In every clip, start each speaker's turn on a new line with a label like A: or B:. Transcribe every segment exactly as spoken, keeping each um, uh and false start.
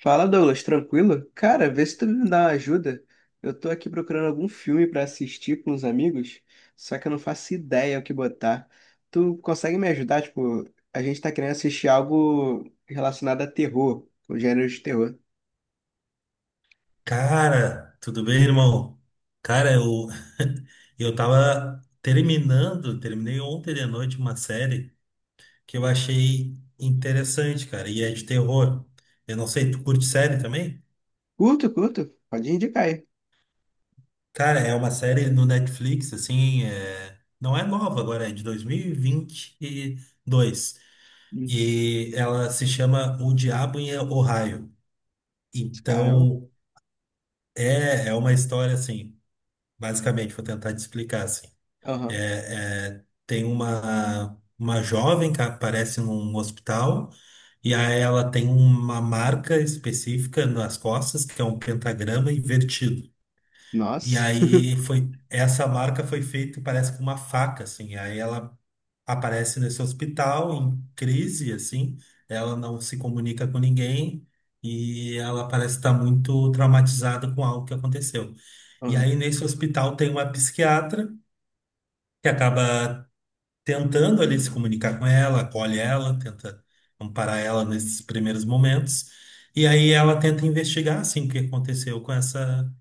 A: Fala, Douglas, tranquilo? Cara, vê se tu me dá uma ajuda. Eu tô aqui procurando algum filme pra assistir com os amigos, só que eu não faço ideia o que botar. Tu consegue me ajudar? Tipo, a gente tá querendo assistir algo relacionado a terror, o gênero de terror.
B: Cara, tudo bem, irmão? Cara, eu, eu tava terminando, terminei ontem de noite uma série que eu achei interessante, cara, e é de terror. Eu não sei, tu curte série também?
A: Curto, curto. Pode indicar aí.
B: Cara, é uma série no Netflix, assim, é, não é nova agora, é de dois mil e vinte e dois. E vinte
A: Uhum.
B: e dois. E ela se chama O Diabo em Ohio.
A: Caramba.
B: Então, é, é uma história, assim, basicamente, vou tentar te explicar, assim.
A: Aham.
B: É, é, tem uma, uma jovem que aparece num hospital e aí ela tem uma marca específica nas costas, que é um pentagrama invertido. E
A: Nossa.
B: aí foi essa marca foi feita, parece com uma faca, assim. Aí ela aparece nesse hospital em crise, assim. Ela não se comunica com ninguém e ela parece estar muito traumatizada com algo que aconteceu. E
A: Aham.
B: aí nesse hospital tem uma psiquiatra que acaba tentando ali se comunicar com ela, acolhe ela, tenta amparar ela nesses primeiros momentos. E aí ela tenta investigar, assim, o que aconteceu com essa,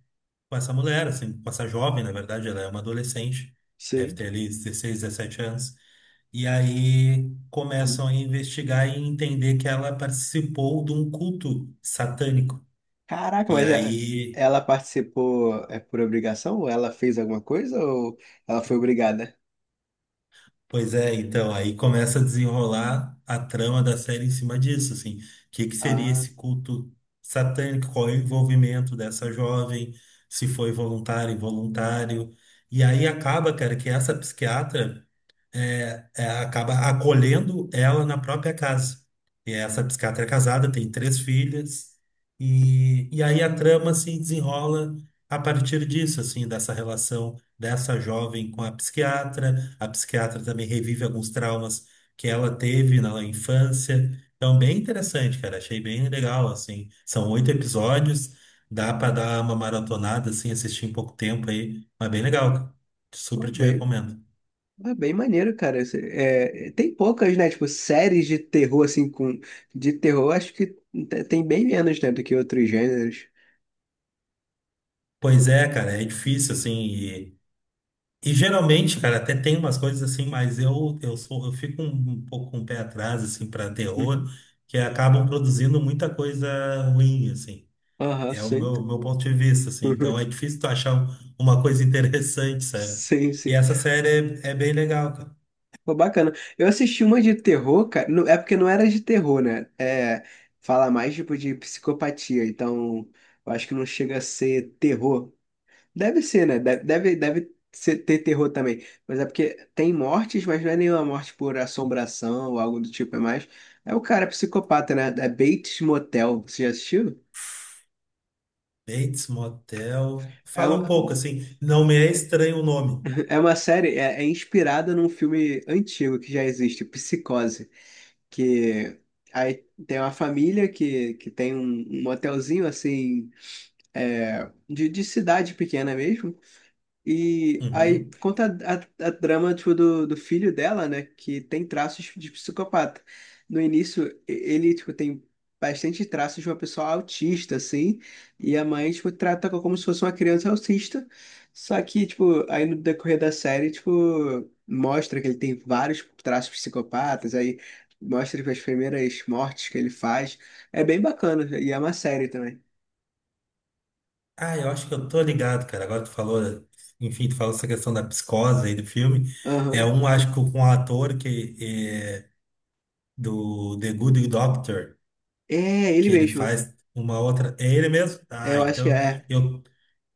B: com essa mulher, assim, com essa jovem, na verdade, ela é uma adolescente, deve
A: Sei.
B: ter ali dezesseis, dezessete anos. E aí
A: Uhum.
B: começam a investigar e entender que ela participou de um culto satânico.
A: Caraca,
B: E
A: mas é-
B: aí
A: ela participou é por obrigação? Ou ela fez alguma coisa? Ou ela foi obrigada?
B: Pois é, então, aí começa a desenrolar a trama da série em cima disso, assim. O que que seria
A: Ah,
B: esse culto satânico? Qual é o envolvimento dessa jovem? Se foi voluntário, involuntário. E aí acaba, cara, que essa psiquiatra é, é, acaba acolhendo ela na própria casa. E essa psiquiatra é casada, tem três filhas, e, e aí a trama se desenrola a partir disso, assim, dessa relação dessa jovem com a psiquiatra. A psiquiatra também revive alguns traumas que ela teve na infância. Então, bem interessante, cara. Achei bem legal, assim. São oito episódios, dá para dar uma maratonada, assim, assistir em pouco tempo aí, mas bem legal, cara.
A: pô,
B: Super te
A: bem.
B: recomendo.
A: É bem maneiro, cara. Esse- é, tem poucas, né? Tipo, séries de terror, assim, com... De terror, acho que te- tem bem menos, né? Do que outros gêneros.
B: Pois é, cara, é difícil, assim, e, e geralmente, cara, até tem umas coisas assim, mas eu eu sou, eu fico um, um pouco com o pé atrás, assim, para terror,
A: Uhum.
B: que acabam produzindo muita coisa ruim, assim.
A: Aham,
B: É o
A: sim.
B: meu, meu ponto de vista, assim. Então é difícil tu achar um- uma coisa interessante, sabe?
A: Sim,
B: E
A: sim.
B: essa série é, é bem legal, cara.
A: Pô, bacana. Eu assisti uma de terror, cara. não- É porque não era de terror, né? É... Fala mais, tipo, de psicopatia. Então, eu acho que não chega a ser terror. Deve ser, né? Deve, deve, deve ser- ter terror também. Mas é porque tem mortes, mas não é nenhuma morte por assombração ou algo do tipo. É mais. É o cara psicopata, né? É Bates Motel. Você já assistiu?
B: Bates Motel.
A: É
B: Fala
A: uma,
B: um pouco, assim, não me é estranho o nome.
A: é uma série, é, é inspirada num filme antigo que já existe, Psicose. Que aí tem uma família que, que tem um, um motelzinho assim, é, de, de cidade pequena mesmo. E aí
B: Uhum.
A: conta a, a, a drama tipo, do, do filho dela, né? Que tem traços de psicopata. No início, e- ele tipo, tem bastante traços de uma pessoa autista, assim. E a mãe tipo, trata co- como se fosse uma criança autista. Só que, tipo, aí no decorrer da série, tipo, mostra que ele tem vários traços psicopatas. Aí mostra tipo, as primeiras mortes que ele faz. É bem bacana. E é uma série também.
B: Ah, eu acho que eu tô ligado, cara. Agora tu falou, enfim, tu falou essa questão da psicose aí do filme. É
A: Aham.
B: um, acho que com um ator que é, do The Good Doctor,
A: É, ele
B: que ele
A: mesmo.
B: faz uma outra. É ele mesmo?
A: É,
B: Ah,
A: eu acho que
B: então
A: é.
B: eu,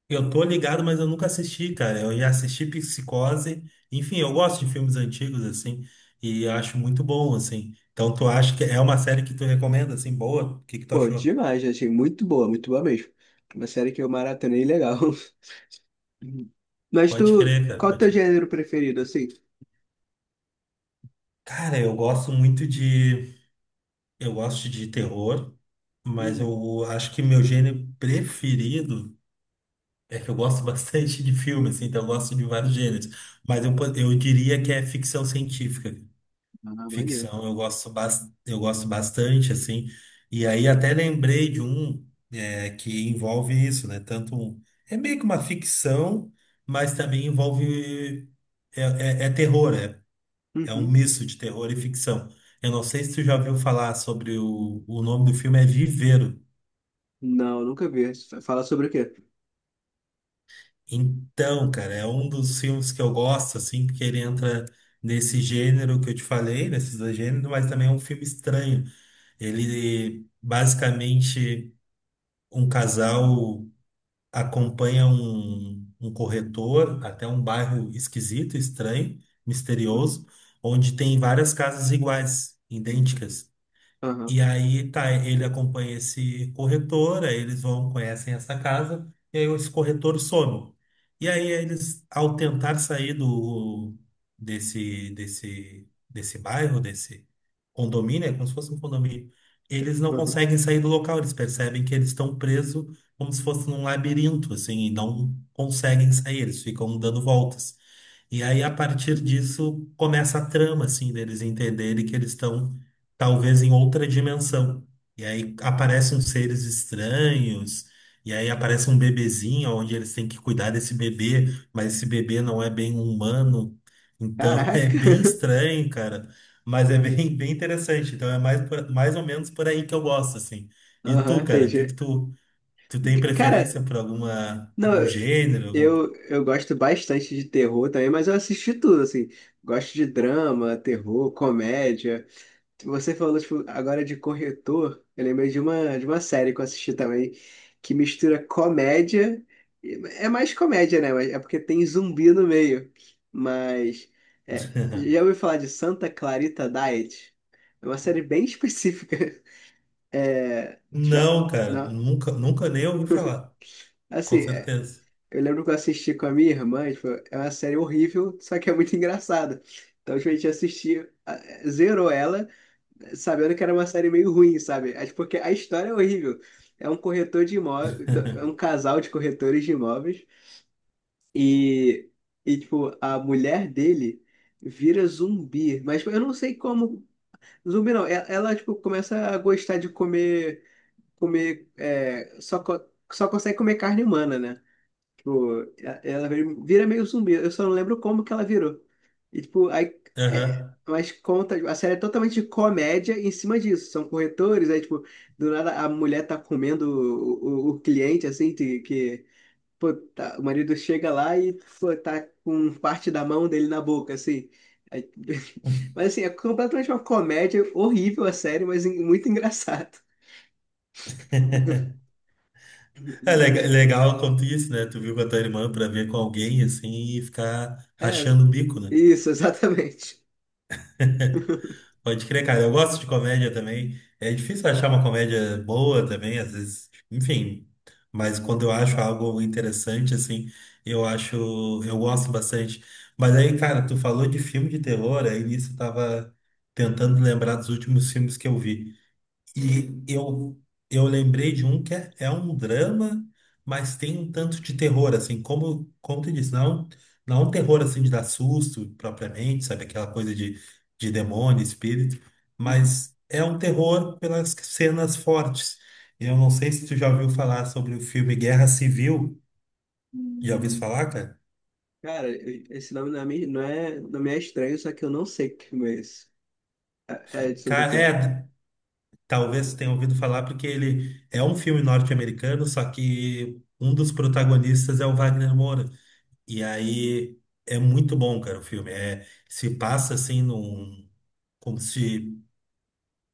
B: eu tô ligado, mas eu nunca assisti, cara. Eu já assisti Psicose. Enfim, eu gosto de filmes antigos, assim, e acho muito bom, assim. Então tu acha que é uma série que tu recomenda, assim, boa? O que que tu
A: Pô,
B: achou?
A: demais, achei muito boa, muito boa mesmo. Uma série que eu maratonei legal. Uhum. Mas
B: Pode
A: tu,
B: crer, cara.
A: qual o teu
B: Pode...
A: gênero preferido, assim?
B: Cara, eu gosto muito de. Eu gosto de terror, mas
A: Uhum.
B: eu acho que meu gênero preferido é que eu gosto bastante de filmes, assim, então eu gosto de vários gêneros. Mas eu, po- eu diria que é ficção científica.
A: Ah, maneiro.
B: Ficção eu gosto, bas- eu gosto bastante, assim. E aí até lembrei de um é, que envolve isso, né? Tanto um- é meio que uma ficção, mas também envolve é, é, é terror. É é um
A: Uhum.
B: misto de terror e ficção. Eu não sei se tu já ouviu falar sobre o, o nome do filme é Viveiro.
A: Não, nunca vi. Fala sobre o quê?
B: Então, cara, é um dos filmes que eu gosto, assim, porque ele entra nesse gênero que eu te falei, nesses dois gêneros, mas também é um filme estranho. Ele, basicamente, um casal acompanha um, um corretor até um bairro esquisito, estranho,
A: Uhum.
B: misterioso, onde tem várias casas iguais, idênticas.
A: Aham,
B: E aí tá, ele acompanha esse corretor, aí eles vão, conhecem essa casa, e aí esse corretor some. E aí eles, ao tentar sair do desse desse desse bairro, desse condomínio, é como se fosse um condomínio, eles não
A: uhum.
B: conseguem sair do local, eles percebem que eles estão presos como se fosse num labirinto, assim, e não conseguem sair, eles ficam dando voltas. E aí, a partir disso, começa a trama, assim, deles entenderem que eles estão, talvez, em outra dimensão. E aí aparecem uns seres estranhos, e aí aparece um bebezinho, onde eles têm que cuidar desse bebê, mas esse bebê não é bem humano. Então, é
A: Caraca.
B: bem estranho, cara, mas é bem, bem interessante. Então, é mais, por- mais ou menos por aí que eu gosto, assim. E
A: Aham,
B: tu, cara, o que que
A: entendi.
B: tu, tu tem
A: Cara,
B: preferência por alguma,
A: não,
B: algum gênero?
A: eu, eu gosto bastante de terror também, mas eu assisti tudo, assim. Gosto de drama, terror, comédia. Você falou tipo, agora de corretor, eu lembrei de uma, de uma série que eu assisti também, que mistura comédia. É mais comédia, né? Mas é porque tem zumbi no meio. Mas. É, já ouviu falar de Santa Clarita Diet? É uma série bem específica. É, já,
B: Não, cara,
A: não,
B: nunca, nunca nem ouvi falar,
A: assim,
B: com
A: é,
B: certeza.
A: eu lembro que eu assisti com a minha irmã, e, tipo, é uma série horrível, só que é muito engraçada. Então, tipo, a gente assistiu, a- zerou ela. Sabendo que era uma série meio ruim, sabe? É porque a história é horrível. É um corretor de imóveis, é um casal de corretores de imóveis e, e tipo, a mulher dele vira zumbi. Mas tipo, eu não sei como. Zumbi não. E- Ela, tipo, começa a gostar de comer, comer, é, só, co- só consegue comer carne humana, né? Tipo, e- ela vira vira meio zumbi. Eu só não lembro como que ela virou. E, tipo, aí. É,
B: Aham.
A: mas conta. A série é totalmente de comédia em cima disso. São corretores, aí, tipo, do nada a mulher tá comendo o, o, o cliente, assim, que. que, pô, tá- o marido chega lá e, pô, tá com parte da mão dele na boca, assim. Aí- mas, assim, é completamente uma comédia horrível a série, mas en- muito engraçado.
B: É lega- é legal quanto isso, né? Tu viu com a tua irmã pra ver com alguém assim e ficar rachando
A: É,
B: o bico, né?
A: isso, exatamente.
B: Pode crer, cara. Eu gosto de comédia também. É difícil achar uma comédia boa também, às vezes, enfim. Mas quando eu acho algo interessante, assim, eu acho, eu gosto bastante. Mas aí, cara, tu falou de filme de terror, aí nisso eu tava tentando lembrar dos últimos filmes que eu vi. E
A: Uhum.
B: eu, eu lembrei de um que é, é um drama, mas tem um tanto de terror, assim, como, como tu disse, não, é um, não é um terror assim de dar susto propriamente, sabe? Aquela coisa de, de demônio, espírito, mas é um terror pelas cenas fortes. Eu não sei se tu já ouviu falar sobre o filme Guerra Civil. Já ouviu
A: Uhum.
B: falar, cara?
A: Cara, eu- esse nome não é, me- não é, não me é estranho, só que eu não sei que filme é esse. É, é sobre o
B: Cara,
A: quê?
B: é, talvez você tenha ouvido falar, porque ele é um filme norte-americano, só que um dos protagonistas é o Wagner Moura. E aí é muito bom, cara, o filme. É, se passa assim num, como se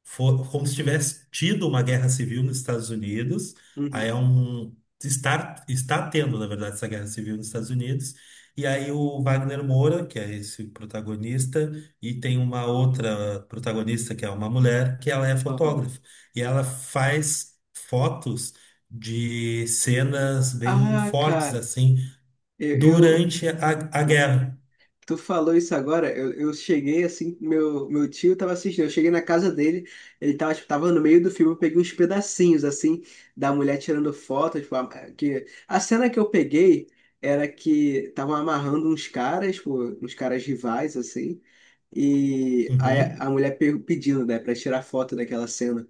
B: for, como se tivesse tido uma guerra civil nos Estados Unidos. Aí
A: Uhum.
B: é um está está tendo, na verdade, essa guerra civil nos Estados Unidos. E aí o Wagner Moura, que é esse protagonista, e tem uma outra protagonista que é uma mulher, que ela é
A: Aham.
B: fotógrafa. E ela faz fotos de cenas bem
A: Ah,
B: fortes
A: cara,
B: assim
A: eu, eu-
B: durante a, a guerra.
A: tu falou isso agora, eu, eu cheguei assim, meu, meu tio tava assistindo, eu cheguei na casa dele, ele tava, tipo, tava no meio do filme, eu peguei uns pedacinhos, assim, da mulher tirando foto, tipo, a, que... A cena que eu peguei era que estavam amarrando uns caras, tipo, uns caras rivais, assim, e aí a a
B: Uhum.
A: mulher pe- pedindo, né, pra tirar foto daquela cena.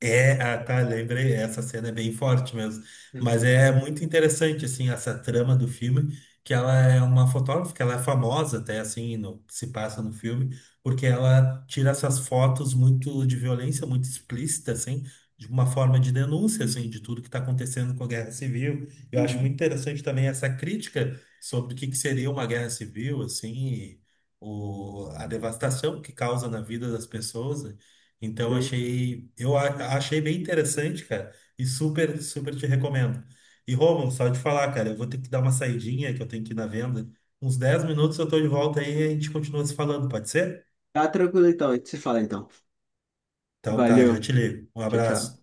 B: É, ah, tá, lembrei, essa cena é bem forte mesmo. Mas
A: Uhum.
B: é muito interessante, assim, essa trama do filme, que ela é uma fotógrafa, que ela é famosa até, assim, no, se passa no filme, porque ela tira essas fotos muito de violência, muito explícita, assim, de uma forma de denúncia, assim, de tudo que está acontecendo com a guerra civil. Eu acho muito
A: Uhum.
B: interessante também essa crítica sobre o que que seria uma guerra civil, assim, e o, a devastação que causa na vida das pessoas, né? Então
A: Sei.
B: achei, eu a- achei bem interessante, cara, e super, super te recomendo. E Romulo, só de falar, cara, eu vou ter que dar uma saidinha que eu tenho que ir na venda. Uns dez minutos eu tô de volta aí e a gente continua se falando, pode ser?
A: Tá tranquilo então, a gente se fala então.
B: Então tá, já
A: Valeu.
B: te ligo. Um
A: Tchau, tchau.
B: abraço.